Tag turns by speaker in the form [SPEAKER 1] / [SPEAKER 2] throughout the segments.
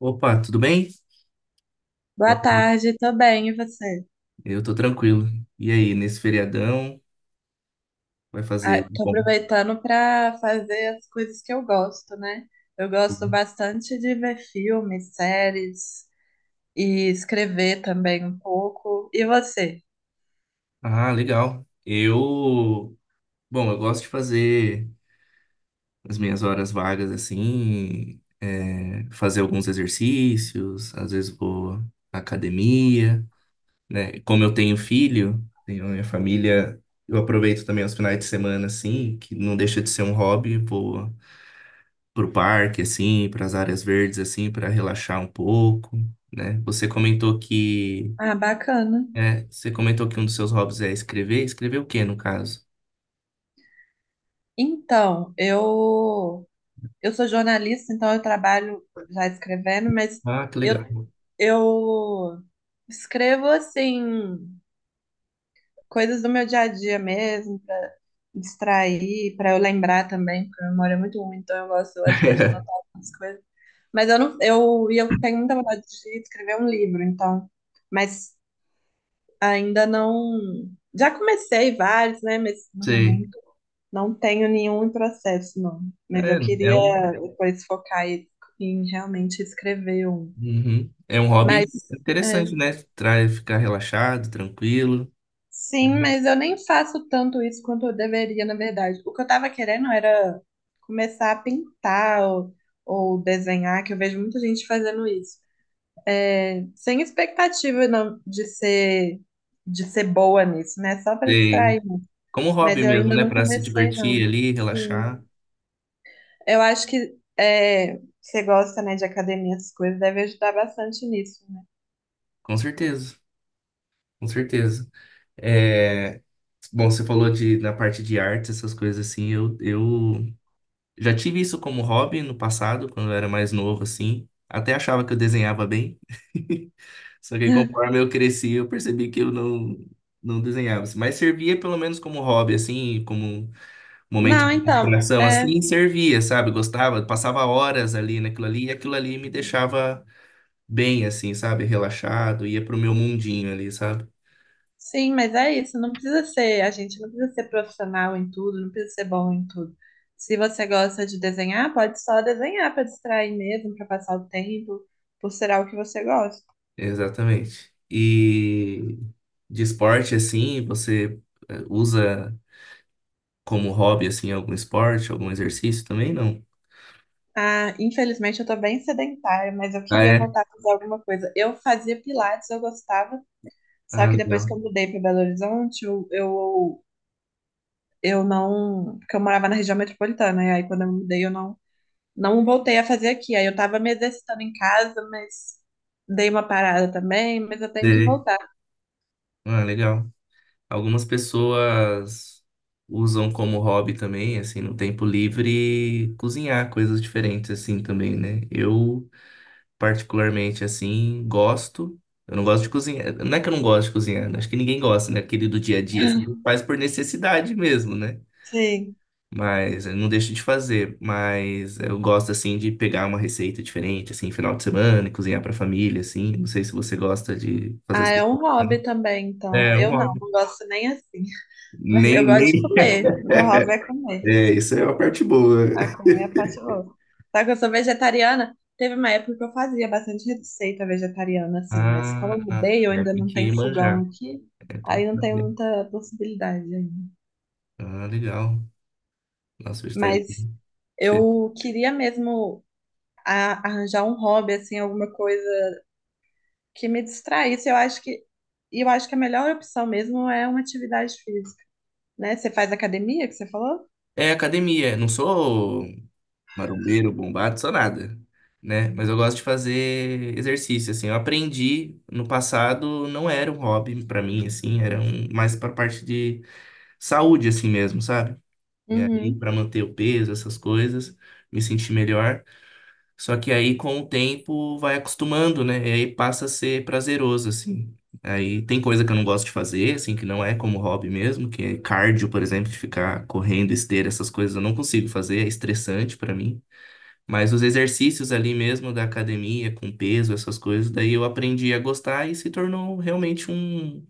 [SPEAKER 1] Opa, tudo bem?
[SPEAKER 2] Boa
[SPEAKER 1] Boa tarde.
[SPEAKER 2] tarde, tô bem, e você?
[SPEAKER 1] Eu tô tranquilo. E aí, nesse feriadão, vai fazer?
[SPEAKER 2] Ah, tô
[SPEAKER 1] Bom.
[SPEAKER 2] aproveitando para fazer as coisas que eu gosto, né? Eu gosto bastante de ver filmes, séries e escrever também um pouco. E você?
[SPEAKER 1] Ah, legal. Bom, eu gosto de fazer as minhas horas vagas assim, fazer alguns exercícios, às vezes vou à academia, né? Como eu tenho filho, tenho a minha família, eu aproveito também os finais de semana assim, que não deixa de ser um hobby, vou pro parque, assim, para as áreas verdes, assim, para relaxar um pouco, né?
[SPEAKER 2] Ah, bacana.
[SPEAKER 1] Você comentou que um dos seus hobbies é escrever. Escrever o quê, no caso?
[SPEAKER 2] Então, eu sou jornalista, então eu trabalho já escrevendo, mas
[SPEAKER 1] Ah, que
[SPEAKER 2] eu
[SPEAKER 1] legal.
[SPEAKER 2] eu escrevo assim coisas do meu dia a dia mesmo, pra distrair, pra eu lembrar também, porque a memória é muito ruim, então eu gosto às vezes de anotar algumas coisas. Mas eu não, eu, e eu tenho muita vontade de escrever um livro, então, mas ainda não, já comecei vários, né, mas no
[SPEAKER 1] Sei.
[SPEAKER 2] momento não tenho nenhum em processo, não. Mas
[SPEAKER 1] É,
[SPEAKER 2] eu
[SPEAKER 1] é um,
[SPEAKER 2] queria depois focar em realmente escrever um.
[SPEAKER 1] uhum. É um hobby
[SPEAKER 2] Mas
[SPEAKER 1] interessante,
[SPEAKER 2] é.
[SPEAKER 1] né? Traz ficar relaxado, tranquilo,
[SPEAKER 2] Sim,
[SPEAKER 1] né?
[SPEAKER 2] mas eu nem faço tanto isso quanto eu deveria, na verdade. O que eu tava querendo era começar a pintar ou desenhar, que eu vejo muita gente fazendo isso. É, sem expectativa não, de ser boa nisso, né? Só para
[SPEAKER 1] Sei.
[SPEAKER 2] distrair.
[SPEAKER 1] Como um
[SPEAKER 2] Mas
[SPEAKER 1] hobby
[SPEAKER 2] eu
[SPEAKER 1] mesmo,
[SPEAKER 2] ainda
[SPEAKER 1] né?
[SPEAKER 2] não
[SPEAKER 1] Para se
[SPEAKER 2] comecei,
[SPEAKER 1] divertir
[SPEAKER 2] não.
[SPEAKER 1] ali,
[SPEAKER 2] Sim.
[SPEAKER 1] relaxar.
[SPEAKER 2] Eu acho que é, você gosta, né, de academia, essas coisas, deve ajudar bastante nisso, né?
[SPEAKER 1] Com certeza, com certeza. É, Bom, você falou na parte de artes, essas coisas assim, eu já tive isso como hobby no passado, quando eu era mais novo, assim. Até achava que eu desenhava bem. Só que conforme eu cresci, eu percebi que eu não desenhava, assim. Mas servia pelo menos como hobby, assim, como momento
[SPEAKER 2] Não,
[SPEAKER 1] de
[SPEAKER 2] então,
[SPEAKER 1] distração,
[SPEAKER 2] é.
[SPEAKER 1] assim, servia, sabe? Gostava, passava horas ali naquilo ali, e aquilo ali me deixava bem, assim, sabe? Relaxado, ia pro meu mundinho ali, sabe?
[SPEAKER 2] Sim, mas é isso, não precisa ser, a gente não precisa ser profissional em tudo, não precisa ser bom em tudo. Se você gosta de desenhar, pode só desenhar para distrair mesmo, para passar o tempo, por ser algo que você gosta.
[SPEAKER 1] Exatamente. E de esporte, assim, você usa como hobby, assim, algum esporte, algum exercício também? Não.
[SPEAKER 2] Ah, infelizmente eu tô bem sedentária, mas eu
[SPEAKER 1] Ah,
[SPEAKER 2] queria
[SPEAKER 1] é?
[SPEAKER 2] voltar a fazer alguma coisa. Eu fazia pilates, eu gostava, só
[SPEAKER 1] Ah,
[SPEAKER 2] que depois
[SPEAKER 1] legal.
[SPEAKER 2] que eu mudei para Belo Horizonte, eu não, porque eu morava na região metropolitana, e aí quando eu mudei eu não não voltei a fazer aqui. Aí eu tava me exercitando em casa, mas dei uma parada também, mas eu tenho que
[SPEAKER 1] Dei.
[SPEAKER 2] voltar.
[SPEAKER 1] Ah, legal. Algumas pessoas usam como hobby também, assim, no tempo livre, cozinhar coisas diferentes, assim, também, né? Eu, particularmente, assim, gosto. Eu não gosto de cozinhar. Não é que eu não gosto de cozinhar, né? Acho que ninguém gosta, né? Aquele do dia a dia, assim, faz por necessidade mesmo, né?
[SPEAKER 2] Sim.
[SPEAKER 1] Mas eu não deixo de fazer, mas eu gosto assim de pegar uma receita diferente, assim, final de semana, e cozinhar pra família, assim. Não sei se você gosta de fazer
[SPEAKER 2] Ah,
[SPEAKER 1] essas
[SPEAKER 2] é um
[SPEAKER 1] coisas, né?
[SPEAKER 2] hobby também, então.
[SPEAKER 1] É, um
[SPEAKER 2] Eu não,
[SPEAKER 1] hobby.
[SPEAKER 2] não gosto nem assim. Mas eu
[SPEAKER 1] Nem,
[SPEAKER 2] gosto de
[SPEAKER 1] nem.
[SPEAKER 2] comer. Meu hobby é comer.
[SPEAKER 1] É, isso é a parte boa.
[SPEAKER 2] Ah, comer é a parte boa. Só que eu sou vegetariana. Teve uma época que eu fazia bastante receita vegetariana, assim, mas como
[SPEAKER 1] Ah,
[SPEAKER 2] eu mudei, eu
[SPEAKER 1] é,
[SPEAKER 2] ainda
[SPEAKER 1] tem
[SPEAKER 2] não tenho
[SPEAKER 1] que
[SPEAKER 2] fogão
[SPEAKER 1] manjar.
[SPEAKER 2] aqui,
[SPEAKER 1] É, tem
[SPEAKER 2] aí
[SPEAKER 1] que
[SPEAKER 2] não tenho
[SPEAKER 1] saber.
[SPEAKER 2] muita possibilidade ainda.
[SPEAKER 1] Ah, legal. Nossa, vegetariano.
[SPEAKER 2] Mas
[SPEAKER 1] Difer-
[SPEAKER 2] eu queria mesmo arranjar um hobby, assim, alguma coisa que me distraísse. Eu acho que e eu acho que a melhor opção mesmo é uma atividade física, né? Você faz academia, que você falou?
[SPEAKER 1] É academia. Não sou. Marombeiro, bombado, sou nada, né? Mas eu gosto de fazer exercício, assim. Eu aprendi no passado, não era um hobby pra mim, assim, mais pra parte de saúde, assim mesmo, sabe? E aí,
[SPEAKER 2] Uhum.
[SPEAKER 1] pra manter o peso, essas coisas, me sentir melhor. Só que aí, com o tempo, vai acostumando, né? E aí passa a ser prazeroso, assim. Aí tem coisa que eu não gosto de fazer, assim, que não é como hobby mesmo, que é cardio, por exemplo, de ficar correndo, esteira, essas coisas eu não consigo fazer, é estressante pra mim. Mas os exercícios ali mesmo da academia, com peso, essas coisas, daí eu aprendi a gostar e se tornou realmente um,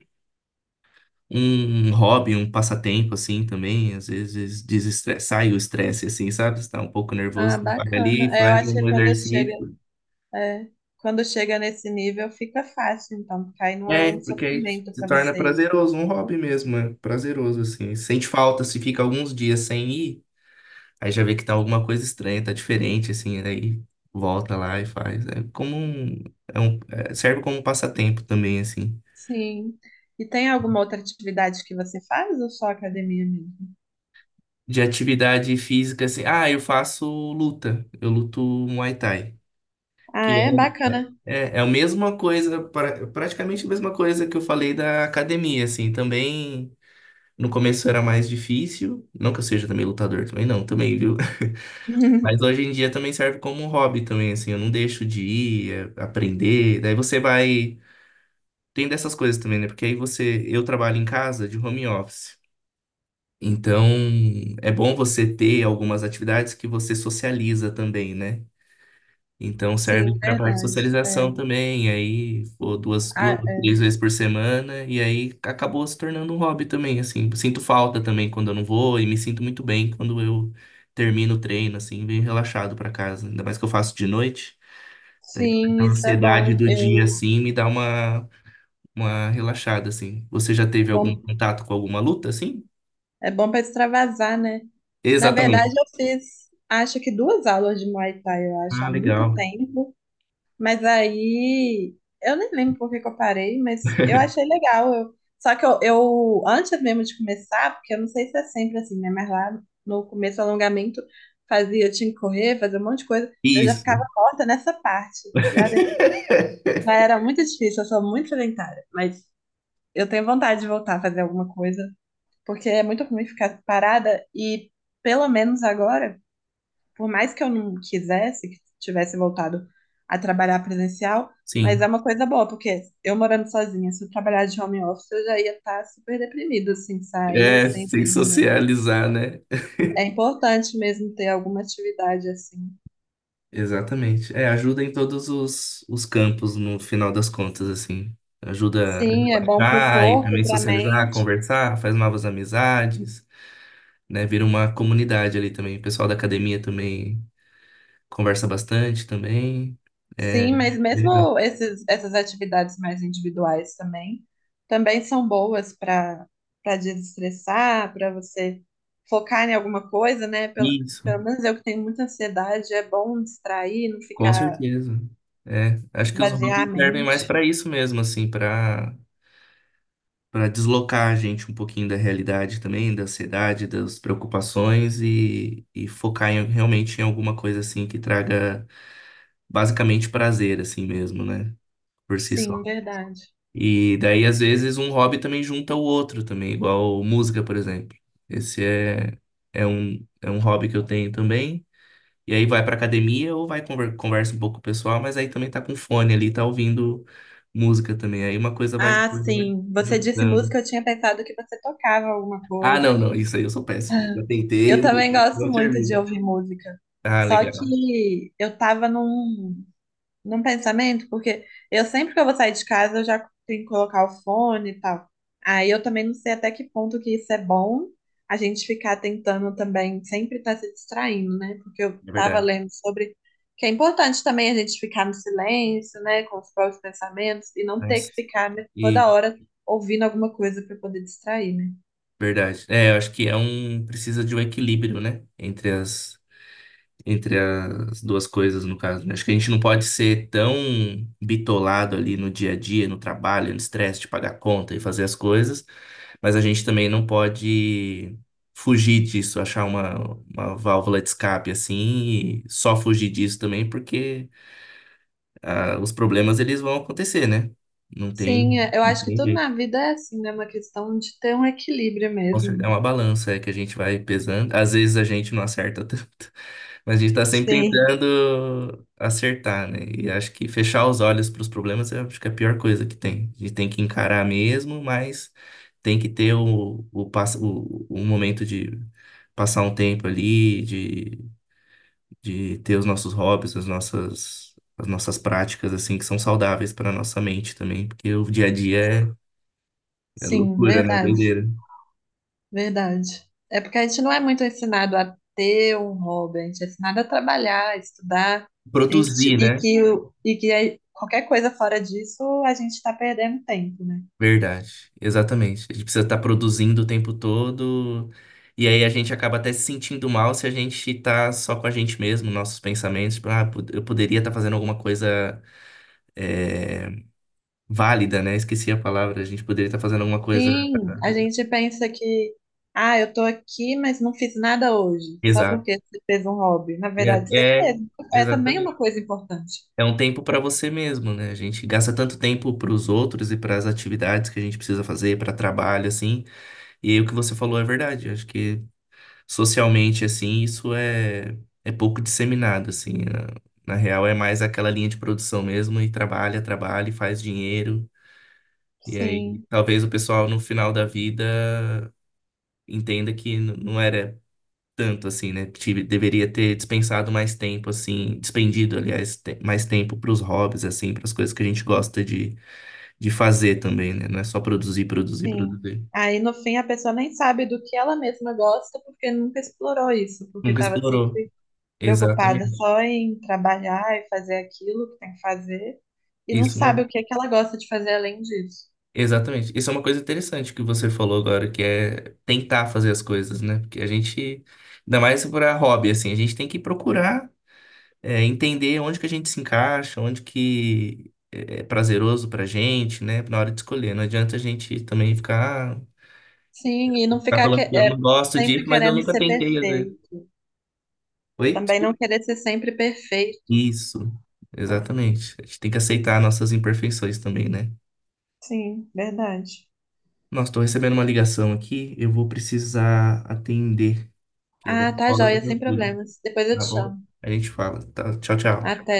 [SPEAKER 1] um hobby, um passatempo, assim, também. Às vezes desestressa, sai o estresse, assim, sabe? Você tá um pouco
[SPEAKER 2] Ah,
[SPEAKER 1] nervoso, você vai
[SPEAKER 2] bacana.
[SPEAKER 1] ali,
[SPEAKER 2] É, eu
[SPEAKER 1] faz
[SPEAKER 2] acho que
[SPEAKER 1] um exercício.
[SPEAKER 2] é, quando chega nesse nível fica fácil, então, porque aí não é um
[SPEAKER 1] É, porque aí
[SPEAKER 2] sofrimento
[SPEAKER 1] se
[SPEAKER 2] para
[SPEAKER 1] torna
[SPEAKER 2] você ir.
[SPEAKER 1] prazeroso, um hobby mesmo, é prazeroso, assim. Sente falta, se fica alguns dias sem ir. Aí já vê que tá alguma coisa estranha, tá diferente, assim, aí volta lá e faz. É como um- é- Serve como um passatempo também, assim.
[SPEAKER 2] Sim. E tem alguma outra atividade que você faz ou só academia mesmo?
[SPEAKER 1] De atividade física, assim, ah, eu faço luta, eu luto Muay Thai. Que
[SPEAKER 2] Ah, é bacana.
[SPEAKER 1] é, é é a mesma coisa, praticamente a mesma coisa que eu falei da academia, assim, também no começo era mais difícil, não que eu seja também lutador, também não, também, viu? Mas hoje em dia também serve como um hobby também, assim, eu não deixo de ir, aprender, daí você vai tem dessas coisas também, né? Porque aí eu trabalho em casa de home office. Então, é bom você ter algumas atividades que você socializa também, né? Então,
[SPEAKER 2] Sim,
[SPEAKER 1] serve para parte de
[SPEAKER 2] verdade. É.
[SPEAKER 1] socialização também. Aí, pô, duas, duas,
[SPEAKER 2] Ah, é.
[SPEAKER 1] três vezes por semana. E aí, acabou se tornando um hobby também, assim. Sinto falta também quando eu não vou. E me sinto muito bem quando eu termino o treino, assim, venho relaxado para casa. Ainda mais que eu faço de noite. Daí,
[SPEAKER 2] Sim,
[SPEAKER 1] a
[SPEAKER 2] isso é
[SPEAKER 1] ansiedade
[SPEAKER 2] bom.
[SPEAKER 1] do dia,
[SPEAKER 2] Eu,
[SPEAKER 1] assim, me dá uma relaxada, assim. Você já
[SPEAKER 2] é
[SPEAKER 1] teve algum
[SPEAKER 2] bom,
[SPEAKER 1] contato com alguma luta, assim?
[SPEAKER 2] é bom para extravasar, né? Na verdade,
[SPEAKER 1] Exatamente.
[SPEAKER 2] eu fiz, acho que duas aulas de Muay Thai, eu acho,
[SPEAKER 1] Ah,
[SPEAKER 2] há muito
[SPEAKER 1] legal.
[SPEAKER 2] tempo. Mas aí, eu nem lembro por que que eu parei, mas eu achei legal. Eu, só que eu, Antes mesmo de começar, porque eu não sei se é sempre assim, né? Mas lá no começo, do alongamento, fazia, eu tinha que correr, fazer um monte de coisa. Eu já
[SPEAKER 1] Isso.
[SPEAKER 2] ficava morta nessa parte. Já era muito difícil, eu sou muito sedentária. Mas eu tenho vontade de voltar a fazer alguma coisa, porque é muito ruim ficar parada e, pelo menos agora, por mais que eu não quisesse, que tivesse voltado a trabalhar presencial,
[SPEAKER 1] Sim.
[SPEAKER 2] mas é uma coisa boa, porque eu morando sozinha, se eu trabalhar de home office, eu já ia estar super deprimido, assim, sair
[SPEAKER 1] É,
[SPEAKER 2] sem
[SPEAKER 1] sem
[SPEAKER 2] ver ninguém.
[SPEAKER 1] socializar, né?
[SPEAKER 2] É importante mesmo ter alguma atividade assim.
[SPEAKER 1] Exatamente. É, ajuda em todos os campos, no final das contas, assim. Ajuda a
[SPEAKER 2] Sim, é bom para o
[SPEAKER 1] relaxar e
[SPEAKER 2] corpo,
[SPEAKER 1] também
[SPEAKER 2] para a
[SPEAKER 1] socializar,
[SPEAKER 2] mente.
[SPEAKER 1] conversar, faz novas amizades, né? Vira uma comunidade ali também. O pessoal da academia também conversa bastante também. É
[SPEAKER 2] Sim, mas
[SPEAKER 1] legal.
[SPEAKER 2] mesmo essas atividades mais individuais também, também são boas para desestressar, para você focar em alguma coisa, né?
[SPEAKER 1] Isso.
[SPEAKER 2] Pelo menos eu que tenho muita ansiedade, é bom distrair, não
[SPEAKER 1] Com
[SPEAKER 2] ficar
[SPEAKER 1] certeza. É, acho que os
[SPEAKER 2] vaziar a
[SPEAKER 1] hobbies servem mais
[SPEAKER 2] mente.
[SPEAKER 1] para isso mesmo, assim, para deslocar a gente um pouquinho da realidade também, da ansiedade, das preocupações e focar realmente em alguma coisa assim que traga basicamente prazer assim mesmo, né? Por si só.
[SPEAKER 2] Sim, verdade.
[SPEAKER 1] E daí às vezes um hobby também junta o outro também, igual música, por exemplo. Esse é é um é um hobby que eu tenho também. E aí vai pra academia ou vai conversa um pouco com o pessoal, mas aí também tá com fone ali, tá ouvindo música também. Aí uma coisa vai se
[SPEAKER 2] Ah, sim. Você disse
[SPEAKER 1] juntando.
[SPEAKER 2] música, eu tinha pensado que você tocava alguma
[SPEAKER 1] Ah,
[SPEAKER 2] coisa.
[SPEAKER 1] não, não, isso aí eu sou péssimo. Eu
[SPEAKER 2] Eu
[SPEAKER 1] tentei, não
[SPEAKER 2] também gosto
[SPEAKER 1] não
[SPEAKER 2] muito de
[SPEAKER 1] serviu.
[SPEAKER 2] ouvir música.
[SPEAKER 1] Ah,
[SPEAKER 2] Só
[SPEAKER 1] legal,
[SPEAKER 2] que eu tava num pensamento, porque eu sempre que eu vou sair de casa, eu já tenho que colocar o fone e tal. Aí eu também não sei até que ponto que isso é bom, a gente ficar tentando também sempre estar se distraindo, né? Porque eu
[SPEAKER 1] é
[SPEAKER 2] estava
[SPEAKER 1] verdade.
[SPEAKER 2] lendo sobre que é importante também a gente ficar no silêncio, né, com os próprios pensamentos e não ter
[SPEAKER 1] Nossa.
[SPEAKER 2] que ficar, né,
[SPEAKER 1] E
[SPEAKER 2] toda hora ouvindo alguma coisa para poder distrair, né?
[SPEAKER 1] verdade. É, eu acho que precisa de um equilíbrio, né, entre as duas coisas, no caso, né? Acho que a gente não pode ser tão bitolado ali no dia a dia, no trabalho, no estresse de pagar conta e fazer as coisas, mas a gente também não pode fugir disso, achar uma válvula de escape assim e só fugir disso também, porque ah, os problemas eles vão acontecer, né? Não
[SPEAKER 2] Sim,
[SPEAKER 1] tem,
[SPEAKER 2] eu
[SPEAKER 1] não
[SPEAKER 2] acho que
[SPEAKER 1] tem
[SPEAKER 2] tudo
[SPEAKER 1] jeito.
[SPEAKER 2] na vida é assim, né? Uma questão de ter um equilíbrio
[SPEAKER 1] Com certeza. É
[SPEAKER 2] mesmo.
[SPEAKER 1] uma balança é que a gente vai pesando. Às vezes a gente não acerta tanto, mas a gente está sempre
[SPEAKER 2] Sim.
[SPEAKER 1] tentando acertar, né? E acho que fechar os olhos para os problemas eu acho que é a pior coisa que tem. A gente tem que encarar mesmo, mas tem que ter o momento de passar um tempo ali, de ter os nossos hobbies, as nossas práticas, assim, que são saudáveis para a nossa mente também, porque o dia a dia é
[SPEAKER 2] Sim,
[SPEAKER 1] loucura, né?
[SPEAKER 2] verdade.
[SPEAKER 1] Doideira.
[SPEAKER 2] Verdade. É porque a gente não é muito ensinado a ter um hobby, a gente é ensinado a trabalhar, a estudar, a gente,
[SPEAKER 1] Produzir,
[SPEAKER 2] e
[SPEAKER 1] né?
[SPEAKER 2] que, o- e que aí qualquer coisa fora disso a gente está perdendo tempo, né?
[SPEAKER 1] Verdade, exatamente. A gente precisa estar produzindo o tempo todo, e aí a gente acaba até se sentindo mal se a gente tá só com a gente mesmo, nossos pensamentos, tipo, ah, eu poderia estar fazendo alguma coisa é, válida, né? Esqueci a palavra, a gente poderia estar fazendo alguma coisa.
[SPEAKER 2] Sim, a gente pensa que, ah, eu tô aqui, mas não fiz nada hoje, só porque
[SPEAKER 1] Exato.
[SPEAKER 2] você fez um hobby. Na
[SPEAKER 1] E É,
[SPEAKER 2] verdade, você
[SPEAKER 1] é,
[SPEAKER 2] fez. É também
[SPEAKER 1] Exatamente.
[SPEAKER 2] uma coisa importante.
[SPEAKER 1] É um tempo para você mesmo, né? A gente gasta tanto tempo para os outros e para as atividades que a gente precisa fazer, para trabalho, assim. E aí o que você falou é verdade. Acho que socialmente assim, isso é é pouco disseminado assim. Na real é mais aquela linha de produção mesmo e trabalha, trabalha e faz dinheiro. E aí
[SPEAKER 2] Sim,
[SPEAKER 1] talvez o pessoal no final da vida entenda que não era tanto assim, né? Deveria ter dispensado mais tempo assim, despendido, aliás, mais tempo para os hobbies assim, para as coisas que a gente gosta de fazer também, né? Não é só produzir, produzir,
[SPEAKER 2] sim.
[SPEAKER 1] produzir.
[SPEAKER 2] Aí no fim a pessoa nem sabe do que ela mesma gosta porque nunca explorou isso, porque
[SPEAKER 1] Nunca
[SPEAKER 2] estava
[SPEAKER 1] explorou.
[SPEAKER 2] preocupada
[SPEAKER 1] Exatamente.
[SPEAKER 2] só em trabalhar e fazer aquilo que tem que fazer, e não
[SPEAKER 1] Isso.
[SPEAKER 2] sabe o que é que ela gosta de fazer além disso.
[SPEAKER 1] Exatamente. Isso é uma coisa interessante que você falou agora, que é tentar fazer as coisas, né? Porque a gente, ainda mais para hobby, assim, a gente tem que procurar, entender onde que a gente se encaixa, onde que é prazeroso pra gente, né? Na hora de escolher. Não adianta a gente também ficar,
[SPEAKER 2] Sim, e não
[SPEAKER 1] ficar
[SPEAKER 2] ficar que-
[SPEAKER 1] falando que eu não
[SPEAKER 2] é,
[SPEAKER 1] gosto
[SPEAKER 2] Sempre
[SPEAKER 1] de, mas eu
[SPEAKER 2] querendo
[SPEAKER 1] nunca
[SPEAKER 2] ser
[SPEAKER 1] tentei, às vezes.
[SPEAKER 2] perfeito.
[SPEAKER 1] Oi?
[SPEAKER 2] Também não
[SPEAKER 1] Desculpa.
[SPEAKER 2] querer ser sempre perfeito.
[SPEAKER 1] Isso. Exatamente. A gente tem que aceitar nossas imperfeições também, né?
[SPEAKER 2] Sim, verdade.
[SPEAKER 1] Nossa, tô recebendo uma ligação aqui, eu vou precisar atender, que é da
[SPEAKER 2] Ah, tá
[SPEAKER 1] escola do
[SPEAKER 2] joia, sem
[SPEAKER 1] meu filho,
[SPEAKER 2] problemas. Depois eu te
[SPEAKER 1] tá bom?
[SPEAKER 2] chamo.
[SPEAKER 1] A gente fala, tá? Tchau, tchau.
[SPEAKER 2] Até.